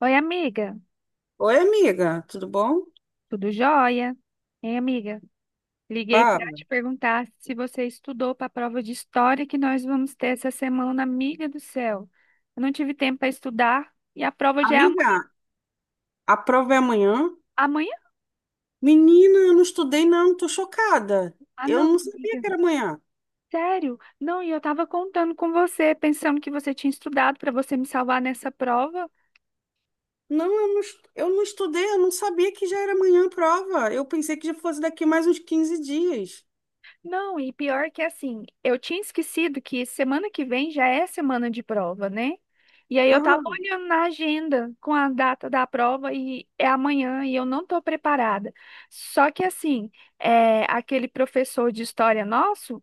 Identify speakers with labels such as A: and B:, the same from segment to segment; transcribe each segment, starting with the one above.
A: Oi, amiga.
B: Oi, amiga, tudo bom?
A: Tudo jóia? Hein, amiga? Liguei para
B: Fala.
A: te perguntar se você estudou para a prova de história que nós vamos ter essa semana, amiga do céu. Eu não tive tempo para estudar e a prova já é amanhã.
B: Amiga, a prova é amanhã?
A: Amanhã?
B: Menina, eu não estudei, não, tô chocada.
A: Ah,
B: Eu
A: não,
B: não sabia
A: amiga.
B: que era amanhã.
A: Sério? Não, e eu estava contando com você, pensando que você tinha estudado para você me salvar nessa prova.
B: Não, eu não estudei, eu não sabia que já era amanhã a prova. Eu pensei que já fosse daqui mais uns 15 dias.
A: Não, e pior que assim, eu tinha esquecido que semana que vem já é semana de prova, né? E aí eu tava
B: Aham,
A: olhando na agenda com a data da prova e é amanhã e eu não tô preparada. Só que assim, é, aquele professor de história nosso,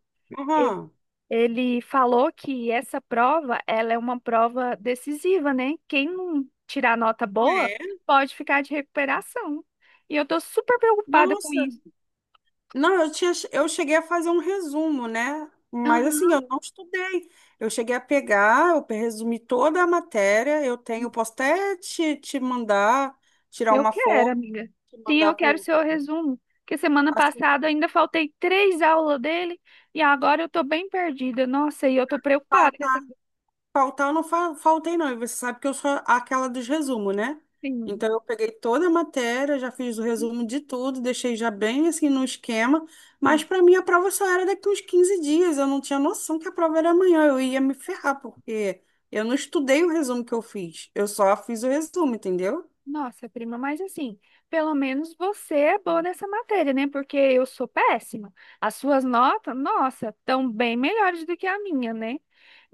A: e-
B: aham.
A: ele falou que essa prova, ela é uma prova decisiva, né? Quem não tirar nota
B: Ah,
A: boa
B: é?
A: pode ficar de recuperação. E eu tô super preocupada com
B: Nossa.
A: isso.
B: Não, eu cheguei a fazer um resumo, né? Mas assim, eu não estudei. Eu resumi toda a matéria. Eu posso até te mandar, tirar
A: Eu
B: uma
A: quero,
B: foto,
A: amiga.
B: te
A: Sim,
B: mandar
A: eu quero
B: por.
A: seu resumo. Porque semana
B: Assim,
A: passada eu ainda faltei três aulas dele e agora eu tô bem perdida. Nossa, e eu tô preocupada com
B: tá,
A: essa
B: faltar eu não faltei não, e você sabe que eu sou aquela dos resumos, né?
A: prima.
B: Então eu peguei toda a matéria, já fiz o resumo de tudo, deixei já bem assim no esquema, mas
A: Sim.
B: para mim a prova só era daqui uns 15 dias, eu não tinha noção que a prova era amanhã, eu ia me ferrar, porque eu não estudei o resumo que eu fiz, eu só fiz o resumo, entendeu?
A: Nossa, prima, mas assim, pelo menos você é boa nessa matéria, né? Porque eu sou péssima. As suas notas, nossa, estão bem melhores do que a minha, né?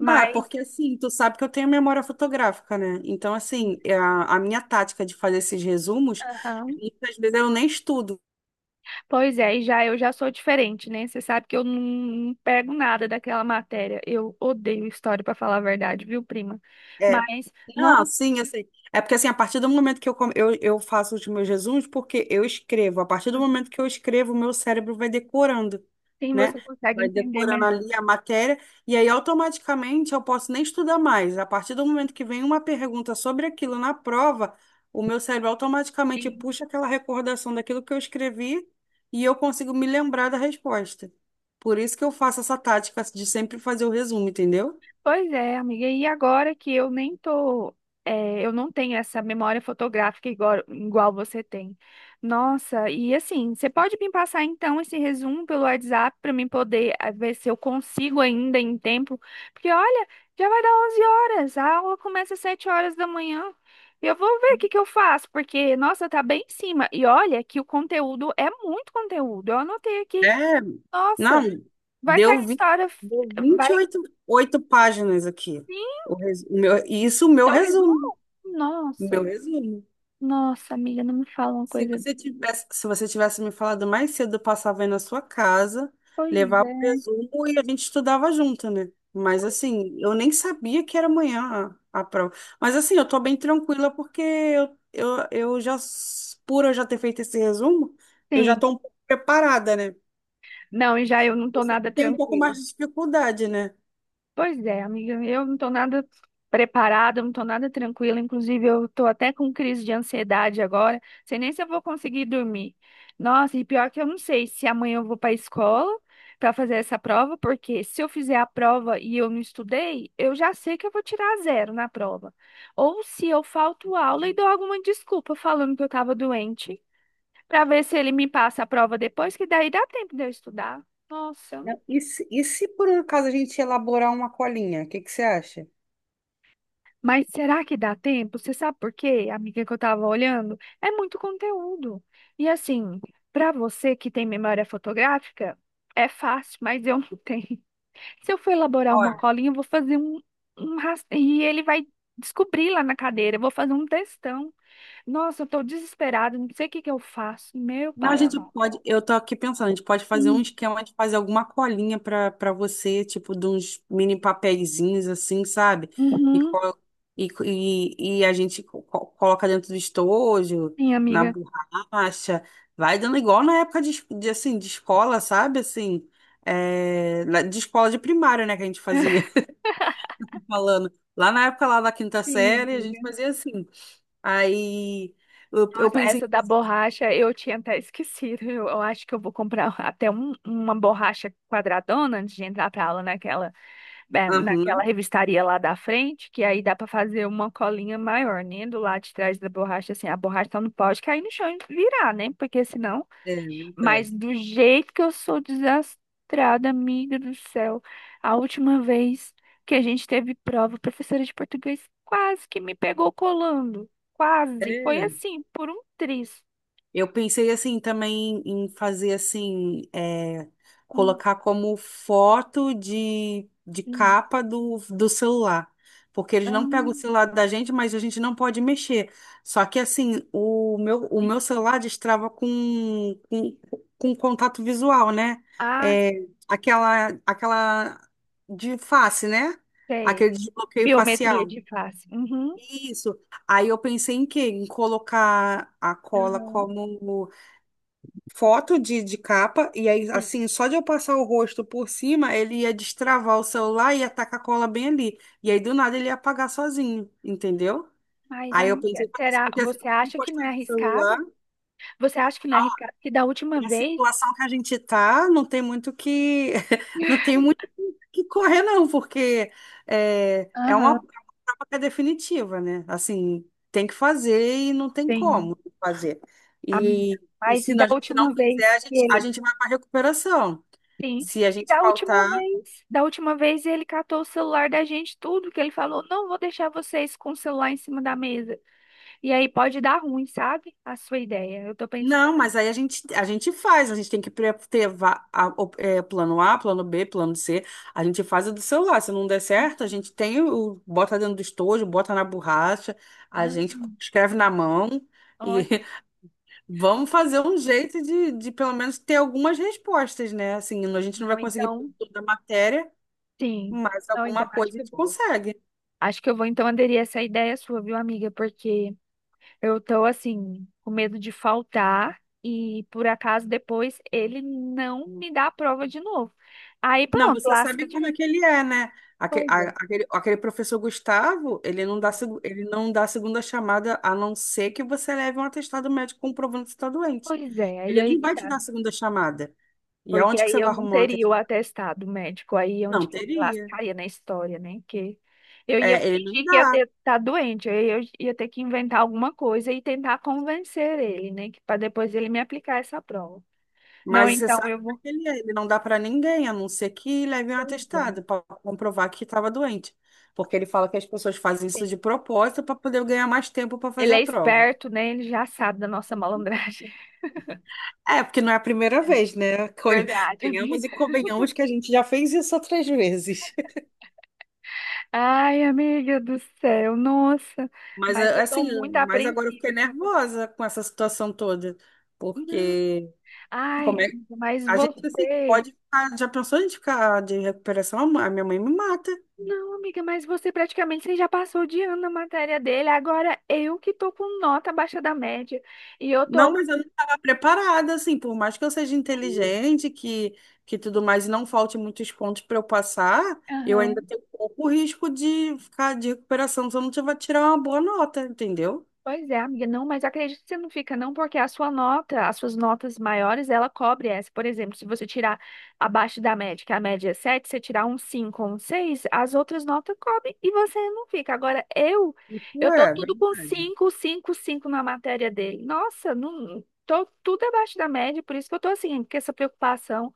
B: Não, é porque assim, tu sabe que eu tenho memória fotográfica, né? Então, assim, a minha tática de fazer esses resumos,
A: aham.
B: muitas vezes eu nem estudo.
A: Pois é, e já eu já sou diferente, né? Você sabe que eu não pego nada daquela matéria. Eu odeio história, para falar a verdade, viu, prima?
B: é,
A: Mas,
B: Não,
A: nossa,
B: sim, assim. É porque assim, a partir do momento que eu faço os meus resumos, porque eu escrevo, a partir do momento que eu escrevo, o meu cérebro vai decorando,
A: assim
B: né?
A: você consegue
B: Vai
A: entender
B: decorando
A: melhor.
B: ali a matéria, e aí automaticamente eu posso nem estudar mais. A partir do momento que vem uma pergunta sobre aquilo na prova, o meu cérebro automaticamente puxa aquela recordação daquilo que eu escrevi e eu consigo me lembrar da resposta. Por isso que eu faço essa tática de sempre fazer o resumo, entendeu?
A: Pois é, amiga. E agora que eu nem tô, eu não tenho essa memória fotográfica igual você tem. Nossa, e assim, você pode me passar então esse resumo pelo WhatsApp para mim poder ver se eu consigo ainda em tempo? Porque olha, já vai dar 11 horas, a aula começa às 7 horas da manhã. E eu vou ver o que que eu faço, porque nossa, tá bem em cima. E olha que o conteúdo é muito conteúdo. Eu anotei aqui.
B: É, não,
A: Nossa, vai
B: deu,
A: cair
B: vi-
A: história,
B: deu
A: vai.
B: 28 oito páginas aqui.
A: Sim,
B: O res- o meu, e isso o meu
A: seu
B: resumo.
A: resumo?
B: O
A: Nossa,
B: meu resumo.
A: nossa, amiga, não me fala uma
B: Se
A: coisa.
B: você tivesse, se você tivesse me falado mais cedo, eu passava aí na sua casa,
A: Pois
B: levava o
A: é.
B: resumo e a gente estudava junto, né? Mas assim, eu nem sabia que era amanhã a prova. Mas assim, eu tô bem tranquila porque por eu já ter feito esse resumo, eu já
A: Sim.
B: tô um pouco preparada, né?
A: Não, e já eu não tô
B: Você que
A: nada
B: tem um pouco
A: tranquila.
B: mais de dificuldade, né?
A: Pois é, amiga, eu não estou nada preparada, eu não estou nada tranquila, inclusive eu estou até com crise de ansiedade agora, sei nem se eu vou conseguir dormir. Nossa, e pior que eu não sei se amanhã eu vou para a escola para fazer essa prova, porque se eu fizer a prova e eu não estudei, eu já sei que eu vou tirar zero na prova. Ou se eu falto aula e dou alguma desculpa falando que eu estava doente, para ver se ele me passa a prova depois, que daí dá tempo de eu estudar. Nossa.
B: Não, e se, e se por um acaso a gente elaborar uma colinha, o que que você acha?
A: Mas será que dá tempo? Você sabe por quê, amiga, que eu estava olhando? É muito conteúdo. E assim, para você que tem memória fotográfica, é fácil, mas eu não tenho. Se eu for elaborar
B: Olha,
A: uma colinha, eu vou fazer e ele vai descobrir lá na cadeira. Eu vou fazer um textão. Nossa, eu tô desesperada, não sei o que que eu faço. Meu
B: não, a
A: pai
B: gente
A: amado.
B: pode, eu tô aqui pensando, a gente pode fazer um
A: Hum,
B: esquema de fazer alguma colinha para você, tipo de uns mini papeizinhos assim, sabe? E,
A: uhum,
B: co- e, e a gente coloca dentro do estojo,
A: sim,
B: na
A: amiga.
B: borracha, vai dando igual na época de, assim, de escola, sabe? Assim, de escola de primário, né, que a gente fazia, falando. Lá na época lá da quinta
A: Sim,
B: série, a gente
A: amiga.
B: fazia assim. Aí eu
A: Nossa,
B: pensei
A: essa
B: em
A: da
B: fazer.
A: borracha eu tinha até esquecido. Eu acho que eu vou comprar até uma borracha quadradona antes de entrar pra aula naquela
B: Aham,
A: revistaria lá da frente, que aí dá pra fazer uma colinha maior, né? Do lado de trás da borracha, assim, a borracha só não pode cair no chão e virar, né? Porque senão
B: é
A: mas
B: verdade.
A: do jeito que eu sou desastrada, amiga do céu. A última vez que a gente teve prova, a professora de português quase que me pegou colando. Quase. Foi
B: É.
A: assim, por um triz.
B: Eu pensei assim também em fazer assim,
A: Um,
B: colocar como foto de
A: um,
B: capa do, do celular. Porque eles não pegam o
A: um,
B: celular da gente, mas a gente não pode mexer. Só que assim, o meu, o
A: sim.
B: meu celular destrava com contato visual, né?
A: Ah,
B: É, aquela de face, né?
A: sei.
B: Aquele desbloqueio
A: Biometria
B: facial.
A: de face. Uhum.
B: Isso. Aí eu pensei em quê? Em colocar a cola
A: Aham.
B: como foto de capa, e aí,
A: Sim.
B: assim, só de eu passar o rosto por cima, ele ia destravar o celular e ia tacar a cola bem ali. E aí, do nada, ele ia apagar sozinho, entendeu?
A: Mas,
B: Aí eu
A: amiga,
B: pensei, "Mas isso
A: será?
B: porque assim, eu
A: Você
B: tô
A: acha que não
B: encostando
A: é
B: no celular.
A: arriscado? Você acha que não é arriscado? Que da última
B: Na
A: vez.
B: situação que a gente tá, não tem muito que não tem muito que correr não, porque é, é uma é
A: Aham,
B: uma prova que é definitiva, né? Assim, tem que fazer e não tem
A: tenho.
B: como fazer.
A: Amiga.
B: E, e
A: Mas
B: se
A: e da
B: a gente não
A: última
B: fizer,
A: vez
B: a
A: que
B: gente, a
A: ele
B: gente vai para recuperação.
A: sim.
B: Se a
A: E
B: gente faltar,
A: da última vez ele catou o celular da gente, tudo que ele falou, não vou deixar vocês com o celular em cima da mesa. E aí pode dar ruim, sabe? A sua ideia. Eu tô pensando,
B: não, mas aí a gente faz, a gente tem que pre- ter va- a- o- é, plano A, plano B, plano C. A gente faz o do celular. Se não der certo, a gente tem o- bota dentro do estojo, bota na borracha, a
A: ah,
B: gente escreve na mão e
A: ótimo.
B: vamos fazer um jeito de pelo menos ter algumas respostas, né? Assim, a gente não
A: Não,
B: vai conseguir
A: então,
B: toda a matéria,
A: sim.
B: mas
A: Não,
B: alguma
A: então acho
B: coisa a
A: que eu
B: gente
A: vou.
B: consegue.
A: Acho que eu vou então aderir a essa ideia sua, viu, amiga? Porque eu tô assim, com medo de faltar e por acaso depois ele não me dá a prova de novo. Aí
B: Não,
A: pronto,
B: você
A: lasca
B: sabe
A: de
B: como é
A: vez.
B: que ele é, né? Aque-
A: Pois
B: a-
A: é.
B: Aquele, aquele professor Gustavo, ele não dá,
A: Então
B: segu- ele não dá segunda chamada a não ser que você leve um atestado médico comprovando que você está doente.
A: pois é, e
B: Ele
A: aí
B: não
A: que
B: vai te
A: tá.
B: dar segunda chamada. E
A: Porque
B: aonde que
A: aí
B: você vai
A: eu não
B: arrumar um
A: teria
B: atestado?
A: o atestado médico, aí é onde
B: Não
A: que eu me
B: teria.
A: lascaria na história, né? Que eu ia
B: É, ele não
A: fingir que ia
B: dá.
A: ter, tá doente, aí eu ia ter que inventar alguma coisa e tentar convencer ele, né? Que para depois ele me aplicar essa prova. Não,
B: Mas você
A: então
B: sabe
A: eu
B: como é
A: vou.
B: que ele é. Ele não dá para ninguém, a não ser que leve um
A: Pois é.
B: atestado para comprovar que estava doente. Porque ele fala que as pessoas fazem isso
A: Sim.
B: de propósito para poder ganhar mais tempo para fazer
A: Ele
B: a
A: é
B: prova.
A: esperto, né? Ele já sabe da nossa malandragem.
B: É, porque não é a primeira
A: É.
B: vez, né?
A: Verdade,
B: Venhamos e
A: amiga.
B: convenhamos que a gente já fez isso outras vezes.
A: Ai, amiga do céu, nossa.
B: Mas
A: Mas
B: é,
A: eu
B: assim,
A: tô muito
B: mas agora eu
A: apreensiva.
B: fiquei
A: Assim,
B: nervosa com essa situação toda,
A: tô-
B: porque
A: ai,
B: como é
A: amiga, mas
B: a gente assim,
A: você.
B: pode ficar, já pensou em ficar de recuperação? A minha mãe me mata.
A: Não, amiga, mas você praticamente você já passou de ano na matéria dele. Agora eu que tô com nota abaixo da média. E eu
B: Não,
A: tô
B: mas eu não
A: com.
B: estava preparada, assim, por mais que eu seja inteligente, que tudo mais, e não falte muitos pontos para eu passar, eu ainda
A: Aham.
B: tenho pouco risco de ficar de recuperação se eu não tiver tirar uma boa nota, entendeu?
A: Pois é, amiga, não, mas acredito que você não fica, não, porque a sua nota, as suas notas maiores, ela cobre essa. Por exemplo, se você tirar abaixo da média, que a média é 7 você tirar um 5 ou um 6 as outras notas cobrem e você não fica. Agora,
B: É,
A: eu tô
B: é
A: tudo com
B: verdade.
A: 5 5 5 na matéria dele. Nossa, não, tô tudo abaixo da média, por isso que eu tô assim, com essa preocupação.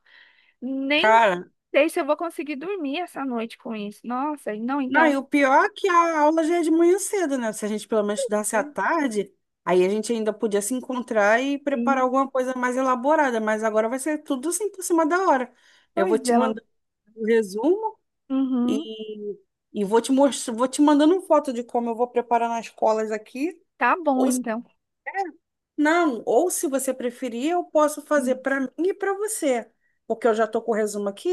A: Nem
B: Cara,
A: sei se eu vou conseguir dormir essa noite com isso. Nossa, não,
B: não,
A: então,
B: e o pior é que a aula já é de manhã cedo, né? Se a gente pelo menos estudasse à tarde, aí a gente ainda podia se encontrar e preparar
A: sim.
B: alguma coisa mais elaborada, mas agora vai ser tudo assim por cima da hora. Eu
A: Pois
B: vou te
A: ela.
B: mandar o resumo
A: Uhum.
B: e, e vou te mostrar, vou te mandando foto de como eu vou preparar nas colas aqui.
A: Tá bom, então.
B: Não, ou se você preferir, eu posso fazer para mim e para você, porque eu já estou com o resumo aqui.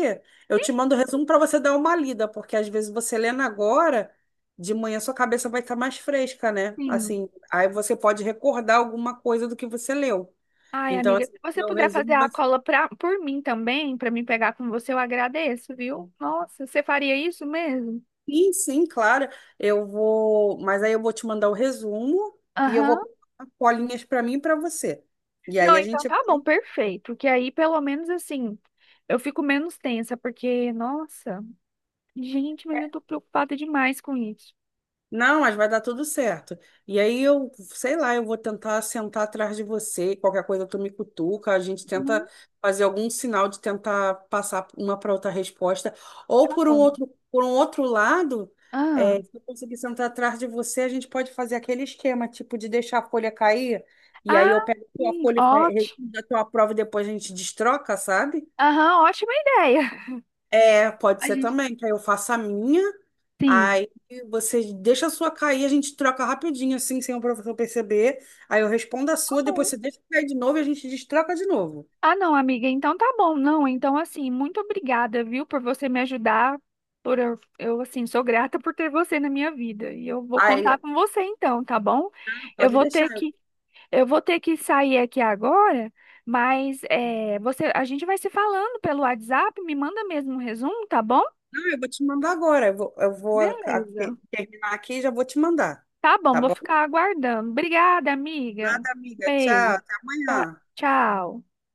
B: Eu te mando o resumo para você dar uma lida, porque às vezes você lendo agora, de manhã sua cabeça vai estar mais fresca, né?
A: Sim.
B: Assim, aí você pode recordar alguma coisa do que você leu.
A: Ai,
B: Então,
A: amiga,
B: assim,
A: se você
B: meu
A: puder fazer
B: resumo
A: a
B: vai ser.
A: cola pra, por mim também, pra mim pegar com você, eu agradeço, viu? Nossa, você faria isso mesmo?
B: Sim, sim, claro. Eu vou, mas aí eu vou te mandar o resumo e eu vou
A: Aham.
B: pegar colinhas para mim e para você. E aí
A: Não,
B: a
A: então
B: gente
A: tá
B: vai
A: bom, perfeito. Que aí, pelo menos assim, eu fico menos tensa, porque, nossa, gente, mas eu tô preocupada demais com isso.
B: não, mas vai dar tudo certo. E aí eu, sei lá, eu vou tentar sentar atrás de você, qualquer coisa tu me cutuca, a gente tenta
A: Uhum,
B: fazer algum sinal de tentar passar uma para outra resposta, ou
A: tá bom.
B: por um outro lado,
A: Ah,
B: é, se eu conseguir sentar atrás de você, a gente pode fazer aquele esquema, tipo de deixar a folha cair, e aí
A: ah,
B: eu pego a tua
A: sim,
B: folha, e
A: ótimo.
B: a tua prova e depois a gente destroca, sabe?
A: Aham, ótima ideia.
B: É, pode
A: A
B: ser
A: gente,
B: também, que aí eu faço a minha.
A: sim.
B: Aí você deixa a sua cair, a gente troca rapidinho, assim, sem o professor perceber. Aí eu respondo a
A: Tá
B: sua, depois
A: bom.
B: você deixa cair de novo e a gente destroca de novo.
A: Ah, não, amiga, então tá bom. Não, então assim, muito obrigada, viu, por você me ajudar. Por eu, assim, sou grata por ter você na minha vida. E eu vou
B: Aí, "Ah,
A: contar com você então, tá bom? Eu
B: pode
A: vou
B: deixar.
A: ter
B: Eu,
A: que, eu vou ter que sair aqui agora, mas é, você, a gente vai se falando pelo WhatsApp, me manda mesmo um resumo, tá bom?
B: não, eu vou te mandar agora. Eu vou a-
A: Beleza.
B: terminar aqui e já vou te mandar.
A: Tá bom,
B: Tá
A: vou
B: bom?
A: ficar aguardando. Obrigada, amiga.
B: Nada, amiga. Tchau.
A: Beijo.
B: Até
A: Tá-
B: amanhã.
A: Tchau.